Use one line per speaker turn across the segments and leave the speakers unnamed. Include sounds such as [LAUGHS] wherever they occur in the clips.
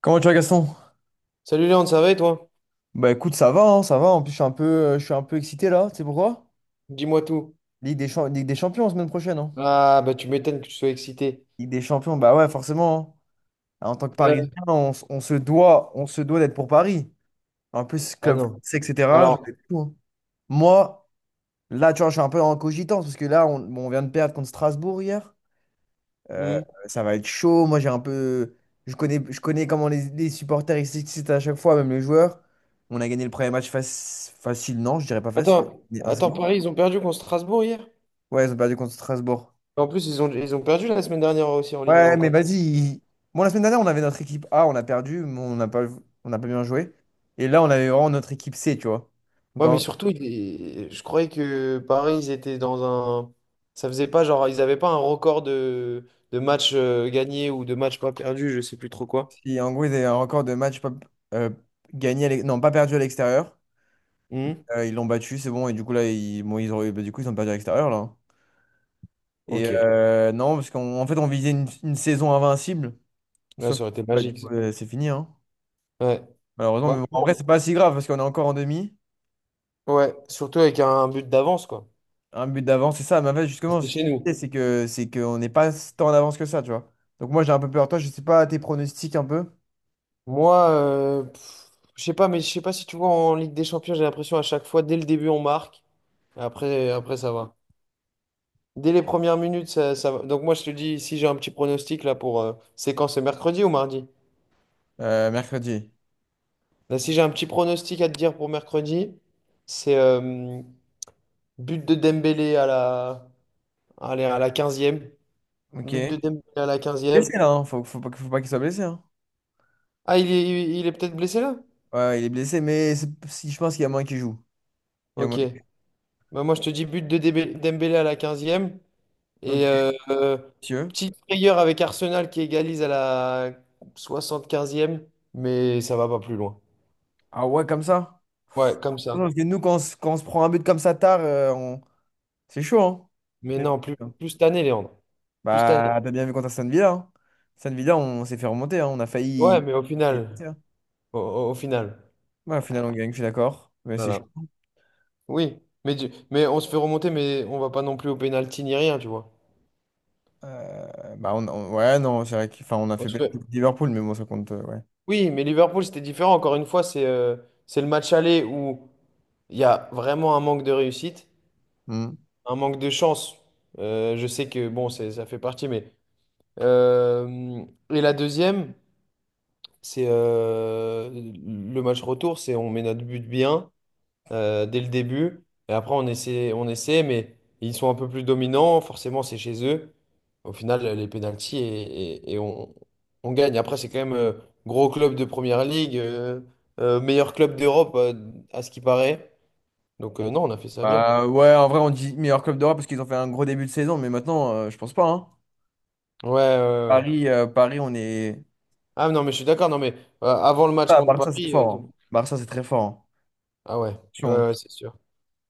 Comment tu vas Gaston?
Salut Léon, ça va et toi?
Écoute, ça va, hein, ça va. En plus, je suis un peu, je suis un peu excité là. Tu sais pourquoi?
Dis-moi tout.
Ligue des Champions semaine prochaine. Hein.
Ah, bah tu m'étonnes que tu sois excité.
Ligue des Champions, bah ouais, forcément. Hein. En tant que
Euh,
Parisien, on se doit d'être pour Paris. En plus,
Ah
club
non.
français, etc. Ça va
Alors,
être fou, hein. Moi, là, tu vois, je suis un peu en cogitance parce que on vient de perdre contre Strasbourg hier. Euh,
hmm.
ça va être chaud. Moi, j'ai un peu, je connais comment les supporters ils s'excitent à chaque fois, même les joueurs. On a gagné le premier match fac- facile, non, je dirais pas facile.
Attends,
Mais 1.
attends, Paris, ils ont perdu contre Strasbourg hier?
Ouais, ils ont perdu contre Strasbourg.
En plus, ils ont perdu la semaine dernière aussi en Ligue 1
Ouais, mais
encore.
vas-y. ils- Bon, la semaine dernière, on avait notre équipe A, on a perdu, on n'a pas bien joué. Et là, on avait vraiment notre équipe C, tu vois. Donc,
Ouais, mais
en,
surtout, je croyais que Paris, ils étaient dans un... Ça faisait pas genre, ils avaient pas un record de matchs gagnés ou de matchs pas perdus, je sais plus trop quoi.
si- En gros, ils avaient un record de matchs pas, euh, non, pas perdu à l'extérieur.
Hmm.
Ils l'ont battu, c'est bon. Et du coup, là, ils, bon, ils ont, bah, du coup, ils ont perdu à l'extérieur, là. Hein.
Ok.
Non, parce qu'en fait, on visait une saison invincible.
Là,
Sauf
ça
que,
aurait été
bah, du
magique,
coup,
ça.
c'est fini, hein.
Ouais.
Malheureusement,
Ouais,
mais bon, en vrai, c'est pas si grave parce qu'on est encore en demi.
ouais, surtout avec un but d'avance, quoi.
Un but d'avance, c'est ça. Mais en fait, justement,
C'était
ce que je
chez nous.
disais, c'est que c'est qu'on n'est pas tant en avance que ça, tu vois. Donc moi, j'ai un peu peur. Toi, je sais pas tes pronostics un peu.
Moi, je sais pas, mais je sais pas si tu vois en Ligue des Champions, j'ai l'impression à chaque fois, dès le début, on marque. Après, ça va. Dès les premières minutes, ça va. Donc moi, je te dis, si j'ai un petit pronostic là pour... c'est quand? C'est mercredi ou mardi?
Mercredi.
Là, si j'ai un petit pronostic à te dire pour mercredi, c'est but de Dembélé à la, allez, à la 15e.
Ok.
But de Dembélé à la 15e.
Blessé là, hein. Faut pas qu'il soit blessé. Hein.
Ah, il est peut-être blessé là?
Ouais, il est blessé, mais si je pense qu'il y a moins qu'il joue. Il y a
Ok.
moyen-
Bah, moi, je te dis but de Dembélé à la 15e.
Ok,
Et
monsieur.
petite frayeur avec Arsenal qui égalise à la 75e, mais ça va pas plus loin.
Ah ouais, comme ça.
Ouais, comme
Non,
ça.
parce que nous, quand on se prend un but comme ça tard, on… c'est chaud, hein.
Mais
Mais bon,
non, plus,
c'est bon.
plus cette année, Léandre. Plus cette année.
Bah, t'as bien vu contre Aston Villa. Hein. Aston Villa, on s'est fait remonter. Hein. On a
Ouais,
failli.
mais au
Ouais,
final. Au final.
au final, on gagne, je suis d'accord. Mais c'est chaud.
Voilà. Oui. Mais on se fait remonter, mais on va pas non plus au pénalty ni rien, tu vois.
Ouais, non, c'est vrai qu'enfin, on a
On
fait
se
belle
fait-
équipe Liverpool, mais bon, ça compte, ouais.
Oui, mais Liverpool, c'était différent. Encore une fois, c'est le match aller où il y a vraiment un manque de réussite,
Hmm.
un manque de chance. Je sais que bon, ça fait partie, mais. Euh, et la deuxième, c'est le match retour, c'est on met notre but bien dès le début. Et après, on essaie, mais ils sont un peu plus dominants. Forcément, c'est chez eux. Au final, les pénalties et on gagne. Après, c'est quand même gros club de première ligue, meilleur club d'Europe à ce qui paraît. Donc, non, on a fait ça bien.
Bah, ouais, en vrai, on dit meilleur club d'Europe parce qu'ils ont fait un gros début de saison, mais maintenant, je pense pas, hein.
Ouais, ouais, ouais, ouais.
Paris, on est.
Ah non, mais je suis d'accord. Non, mais avant le match
Ah,
contre
Barça, c'est
Paris,
fort. Hein. Barça, c'est très fort. Hein.
ah ouais, ouais,
Attention.
ouais, c'est sûr.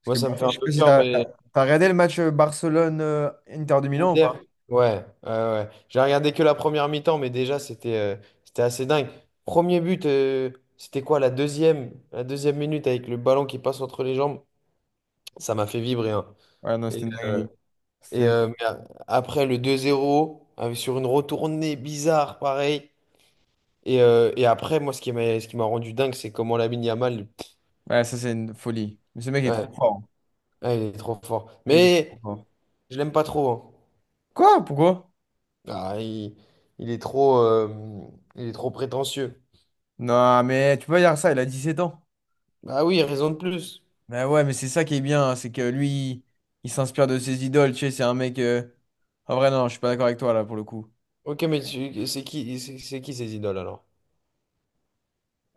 Parce
Moi,
que
ça me fait
Barça,
un
je sais
peu
pas si
peur,
t'as t'as…
mais
regardé le match Barcelone-Inter de Milan ou
Inter,
pas?
ouais, ouais, ouais. J'ai regardé que la première mi-temps, mais déjà, c'était assez dingue. Premier but, c'était quoi, la deuxième minute avec le ballon qui passe entre les jambes, ça m'a fait vibrer, hein.
Ouais, non,
Et,
c'était une
euh,
dinguerie. C'était
et,
une
euh,
dinguerie.
mais a- après, le 2-0, sur une retournée bizarre, pareil. Et après, moi, ce qui m'a rendu dingue, c'est comment Lamine Yamal,
Ouais, ça, c'est une folie. Mais ce mec est trop
ouais,
fort. Hein.
ouais, il est trop fort.
Ce mec est trop
Mais
fort.
je l'aime pas trop, hein.
Quoi? Pourquoi?
Ah, il est trop, il est trop prétentieux.
Non, mais tu peux pas dire ça, il a 17 ans.
Ah oui, raison de plus.
Bah ouais, mais c'est ça qui est bien, hein, c'est que il s'inspire de ses idoles, tu sais, c'est un mec… en vrai, non, je suis pas d'accord avec toi, là, pour le coup.
Ok, mais c'est qui ces idoles alors?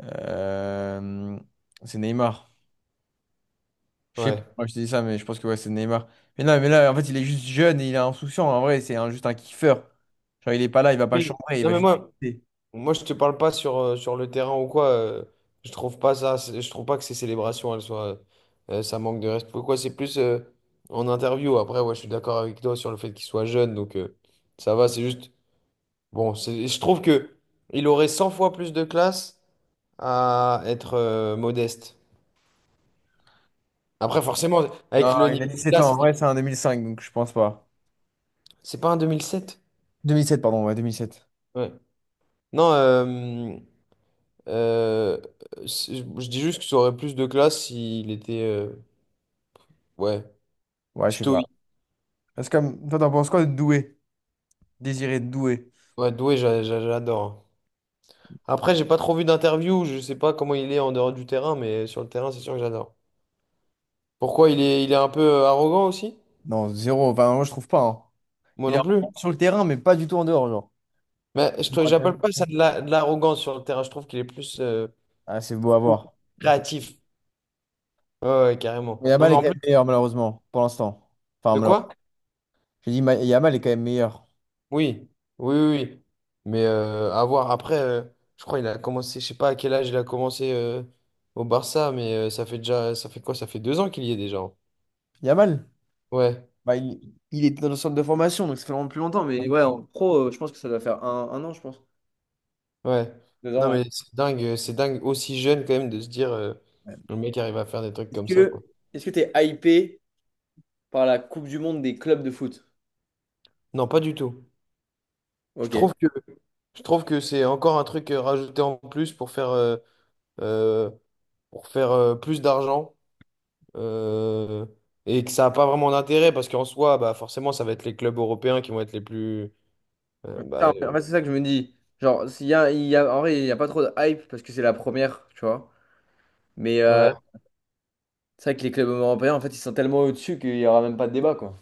Euh, C'est Neymar. Je sais
Ouais.
plus, moi je te dis ça, mais je pense que ouais, c'est Neymar. Mais non, mais là, en fait, il est juste jeune et il est insouciant, en vrai, juste un kiffeur. Genre, il est pas là, il va pas
Oui.
chambrer, il
Non
va
mais
juste…
moi,
kiffer.
moi je te parle pas sur le terrain ou quoi. Je trouve pas ça, je trouve pas que ces célébrations, elles soient, ça manque de respect. Pourquoi c'est plus en interview. Après, ouais, je suis d'accord avec toi sur le fait qu'il soit jeune, donc ça va. C'est juste, bon, je trouve que il aurait 100 fois plus de classe à être modeste.
Euh,
Après, forcément, avec
Non,
le
il a
niveau
dix
de
sept
là,
ans,
c'est
en vrai,
difficile.
c'est un 2005 donc je pense pas.
C'est pas un 2007?
Deux mille sept pardon, ouais, 2007.
Ouais. Non, euh, je dis juste que ça aurait plus de classe s'il était, ouais,
Ouais, je sais pas.
stoïque.
Parce que, toi, t'en penses quoi de Doué? Désiré Doué?
Ouais, doué, j'adore. Après, j'ai pas trop vu d'interview, je sais pas comment il est en dehors du terrain, mais sur le terrain, c'est sûr que j'adore. Pourquoi il est un peu arrogant aussi?
Non, zéro, enfin, moi, je trouve pas, hein.
Moi
Il est
non
rentré
plus.
sur le terrain, mais pas du tout en dehors, genre.
Mais
Je me rappelle
j'appelle
plus de
pas
ça.
ça de de l'arrogance sur le terrain, je trouve qu'il est plus
Ah, c'est beau à voir. C'est-
créatif. Ouais, ouais, carrément.
Mais
Non,
Yamal
mais
est quand
en plus,
même meilleur, malheureusement, pour l'instant. Enfin,
de
malheureusement.
quoi?
J'ai dit, Yamal est quand même meilleur.
Oui, oui, oui, oui. Mais à voir. Après, je crois qu'il a commencé, je sais pas à quel âge il a commencé au Barça, mais ça fait déjà, ça fait quoi? Ça fait 2 ans qu'il y est déjà, hein.
Yamal,
Ouais,
bah, il… il était dans le centre de formation, donc ça fait vraiment plus longtemps. Mais ouais, en pro, je pense que ça doit faire un an, je pense.
ouais.
Deux ans,
Non,
ouais.
mais c'est dingue aussi jeune quand même de se dire le mec arrive à faire des trucs comme
Est-ce
ça, quoi.
que est-ce que t'es hypé par la Coupe du Monde des clubs de foot?
Non, pas du tout. Je
Ok. Ouais.
trouve que, je trouve que c'est encore un truc rajouté en plus pour euh, faire plus d'argent. euh, et que ça n'a pas vraiment d'intérêt parce qu'en soi, bah, forcément, ça va être les clubs européens qui vont être les plus. euh, bah,
En
euh,
fait, c'est ça que je me dis. Genre, il y a, en vrai, il n'y a pas trop de hype parce que c'est la première, tu vois. Mais
ouais.
c'est vrai que les clubs européens, en fait, ils sont tellement au-dessus qu'il n'y aura même pas de débat, quoi.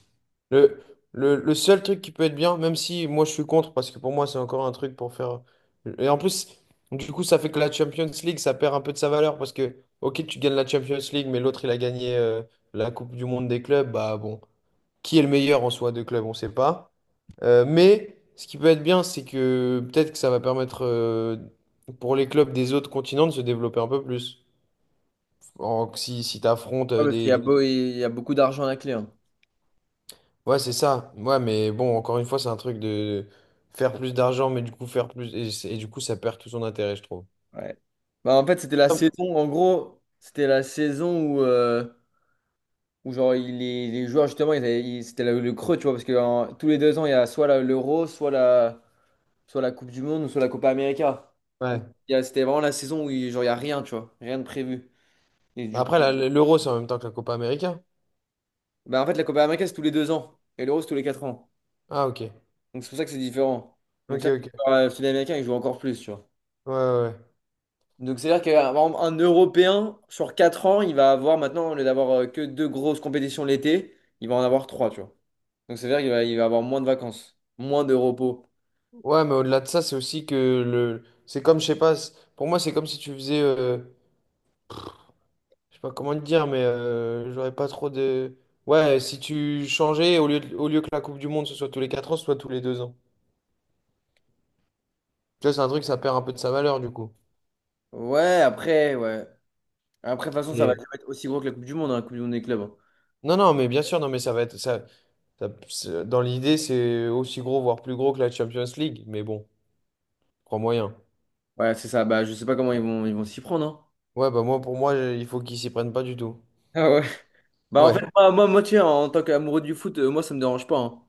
Le, le seul truc qui peut être bien, même si moi je suis contre parce que pour moi, c'est encore un truc pour faire. Et en plus, du coup, ça fait que la Champions League, ça perd un peu de sa valeur parce que, ok, tu gagnes la Champions League, mais l'autre, il a gagné la Coupe du Monde des clubs, bah bon. Qui est le meilleur en soi de club, on ne sait pas. Mais ce qui peut être bien, c'est que peut-être que ça va permettre pour les clubs des autres continents de se développer un peu plus. Si tu affrontes
Ouais, parce qu'il y
des
a beau, il y a beaucoup d'argent à la clé. Hein.
Ouais, c'est ça. Ouais, mais bon, encore une fois, c'est un truc de faire plus d'argent, mais du coup, faire plus. Et, et du coup, ça perd tout son intérêt, je trouve.
Ouais. Bah, en fait, c'était la saison, en gros, c'était la saison où, les joueurs, justement, c'était le creux, tu vois, parce que en- tous les deux ans, il y a l'Euro, soit la Coupe du Monde, ou soit la Copa América. Donc,
Ouais.
il y a- c'était vraiment la saison où il, genre, il n'y a rien, tu vois, rien de prévu. Et du coup,
Après, l'Euro, c'est en même temps que la Copa América.
bah, en fait, la Copa América, c'est tous les deux ans, et l'Euro, c'est tous les quatre ans.
Ah, ok.
Donc, c'est pour ça que c'est différent. Donc,
Ok,
ça,
ok.
les joueurs, sud-américains, ils jouent encore plus, tu vois.
Ouais, ouais. Ouais,
Donc c'est-à-dire qu'un un Européen, sur 4 ans, il va avoir maintenant, au lieu d'avoir que deux grosses compétitions l'été, il va en avoir trois, tu vois. Donc c'est-à-dire il va avoir moins de vacances, moins de repos.
ouais, mais au-delà de ça, c'est aussi que le. C'est comme, je sais pas, pour moi, c'est comme si tu faisais. Je sais pas comment te dire, mais j'aurais pas trop de. Ouais, si tu changeais, au lieu au lieu que la Coupe du Monde ce soit tous les 4 ans, ce soit tous les 2 ans. Tu vois, c'est un truc, ça perd un peu de sa valeur du coup.
Ouais. Après, de toute façon, ça va
Et...
être aussi gros que la Coupe du Monde, hein, la Coupe du Monde des clubs. Hein.
Non, non, mais bien sûr, non, mais ça va être. Ça, dans l'idée, c'est aussi gros, voire plus gros que la Champions League. Mais bon, crois moyen.
Ouais, c'est ça. Bah, je sais pas comment ils vont s'y prendre, hein.
Ouais, bah moi, pour moi, il faut qu'ils s'y prennent pas du tout.
[LAUGHS] Ah ouais. Bah, en fait,
Ouais.
moi, tu sais, en tant qu'amoureux du foot, moi, ça me dérange pas, hein.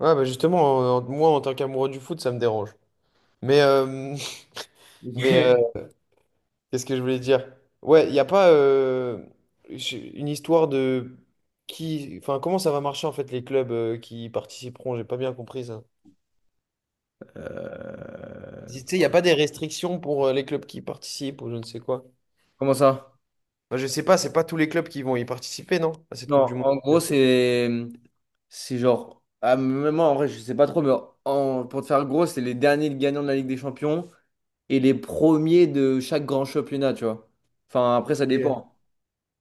Ouais, bah justement, moi, en tant qu'amoureux du foot, ça me dérange. Mais, [LAUGHS] mais
[LAUGHS]
euh, Qu'est-ce que je voulais dire? Ouais, il n'y a pas une histoire de qui, enfin, comment ça va marcher en fait les clubs qui participeront? J'ai pas bien compris ça. Tu
Euh,
sais, il n'y a pas des restrictions pour les clubs qui participent ou je ne sais quoi.
comment ça?
Enfin, je sais pas, c'est pas tous les clubs qui vont y participer, non? À cette Coupe
Non,
du Monde.
en gros, c'est genre. Ah, même moi, en vrai, je sais pas trop, mais en- pour te faire gros, c'est les derniers gagnants de la Ligue des Champions et les premiers de chaque grand championnat, tu vois. Enfin, après, ça
Ok.
dépend.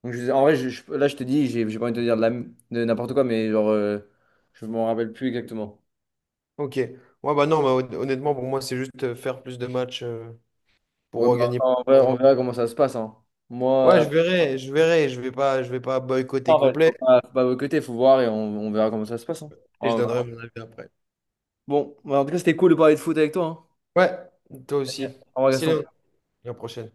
Donc, je- en vrai, je- là, je te dis, j'ai pas envie de te dire de, de n'importe quoi, mais genre, je m'en rappelle plus exactement.
Ok. Ouais, bah non, bah, honnêtement, pour moi, c'est juste faire plus de matchs
Ouais,
pour
bah,
gagner.
en vrai, on verra comment ça se passe. Hein. Moi,
Ouais,
euh,
je verrai, je vais pas boycotter
en vrai,
complet
faut pas boycotter, faut voir et on verra comment ça se passe. Hein.
et je
Ouais,
donnerai
voilà.
mon avis après.
Bon, bah, en tout cas, c'était cool de parler de foot avec toi. Hein.
Ouais, toi aussi.
Au revoir,
Merci Léon.
Gaston.
À la prochaine.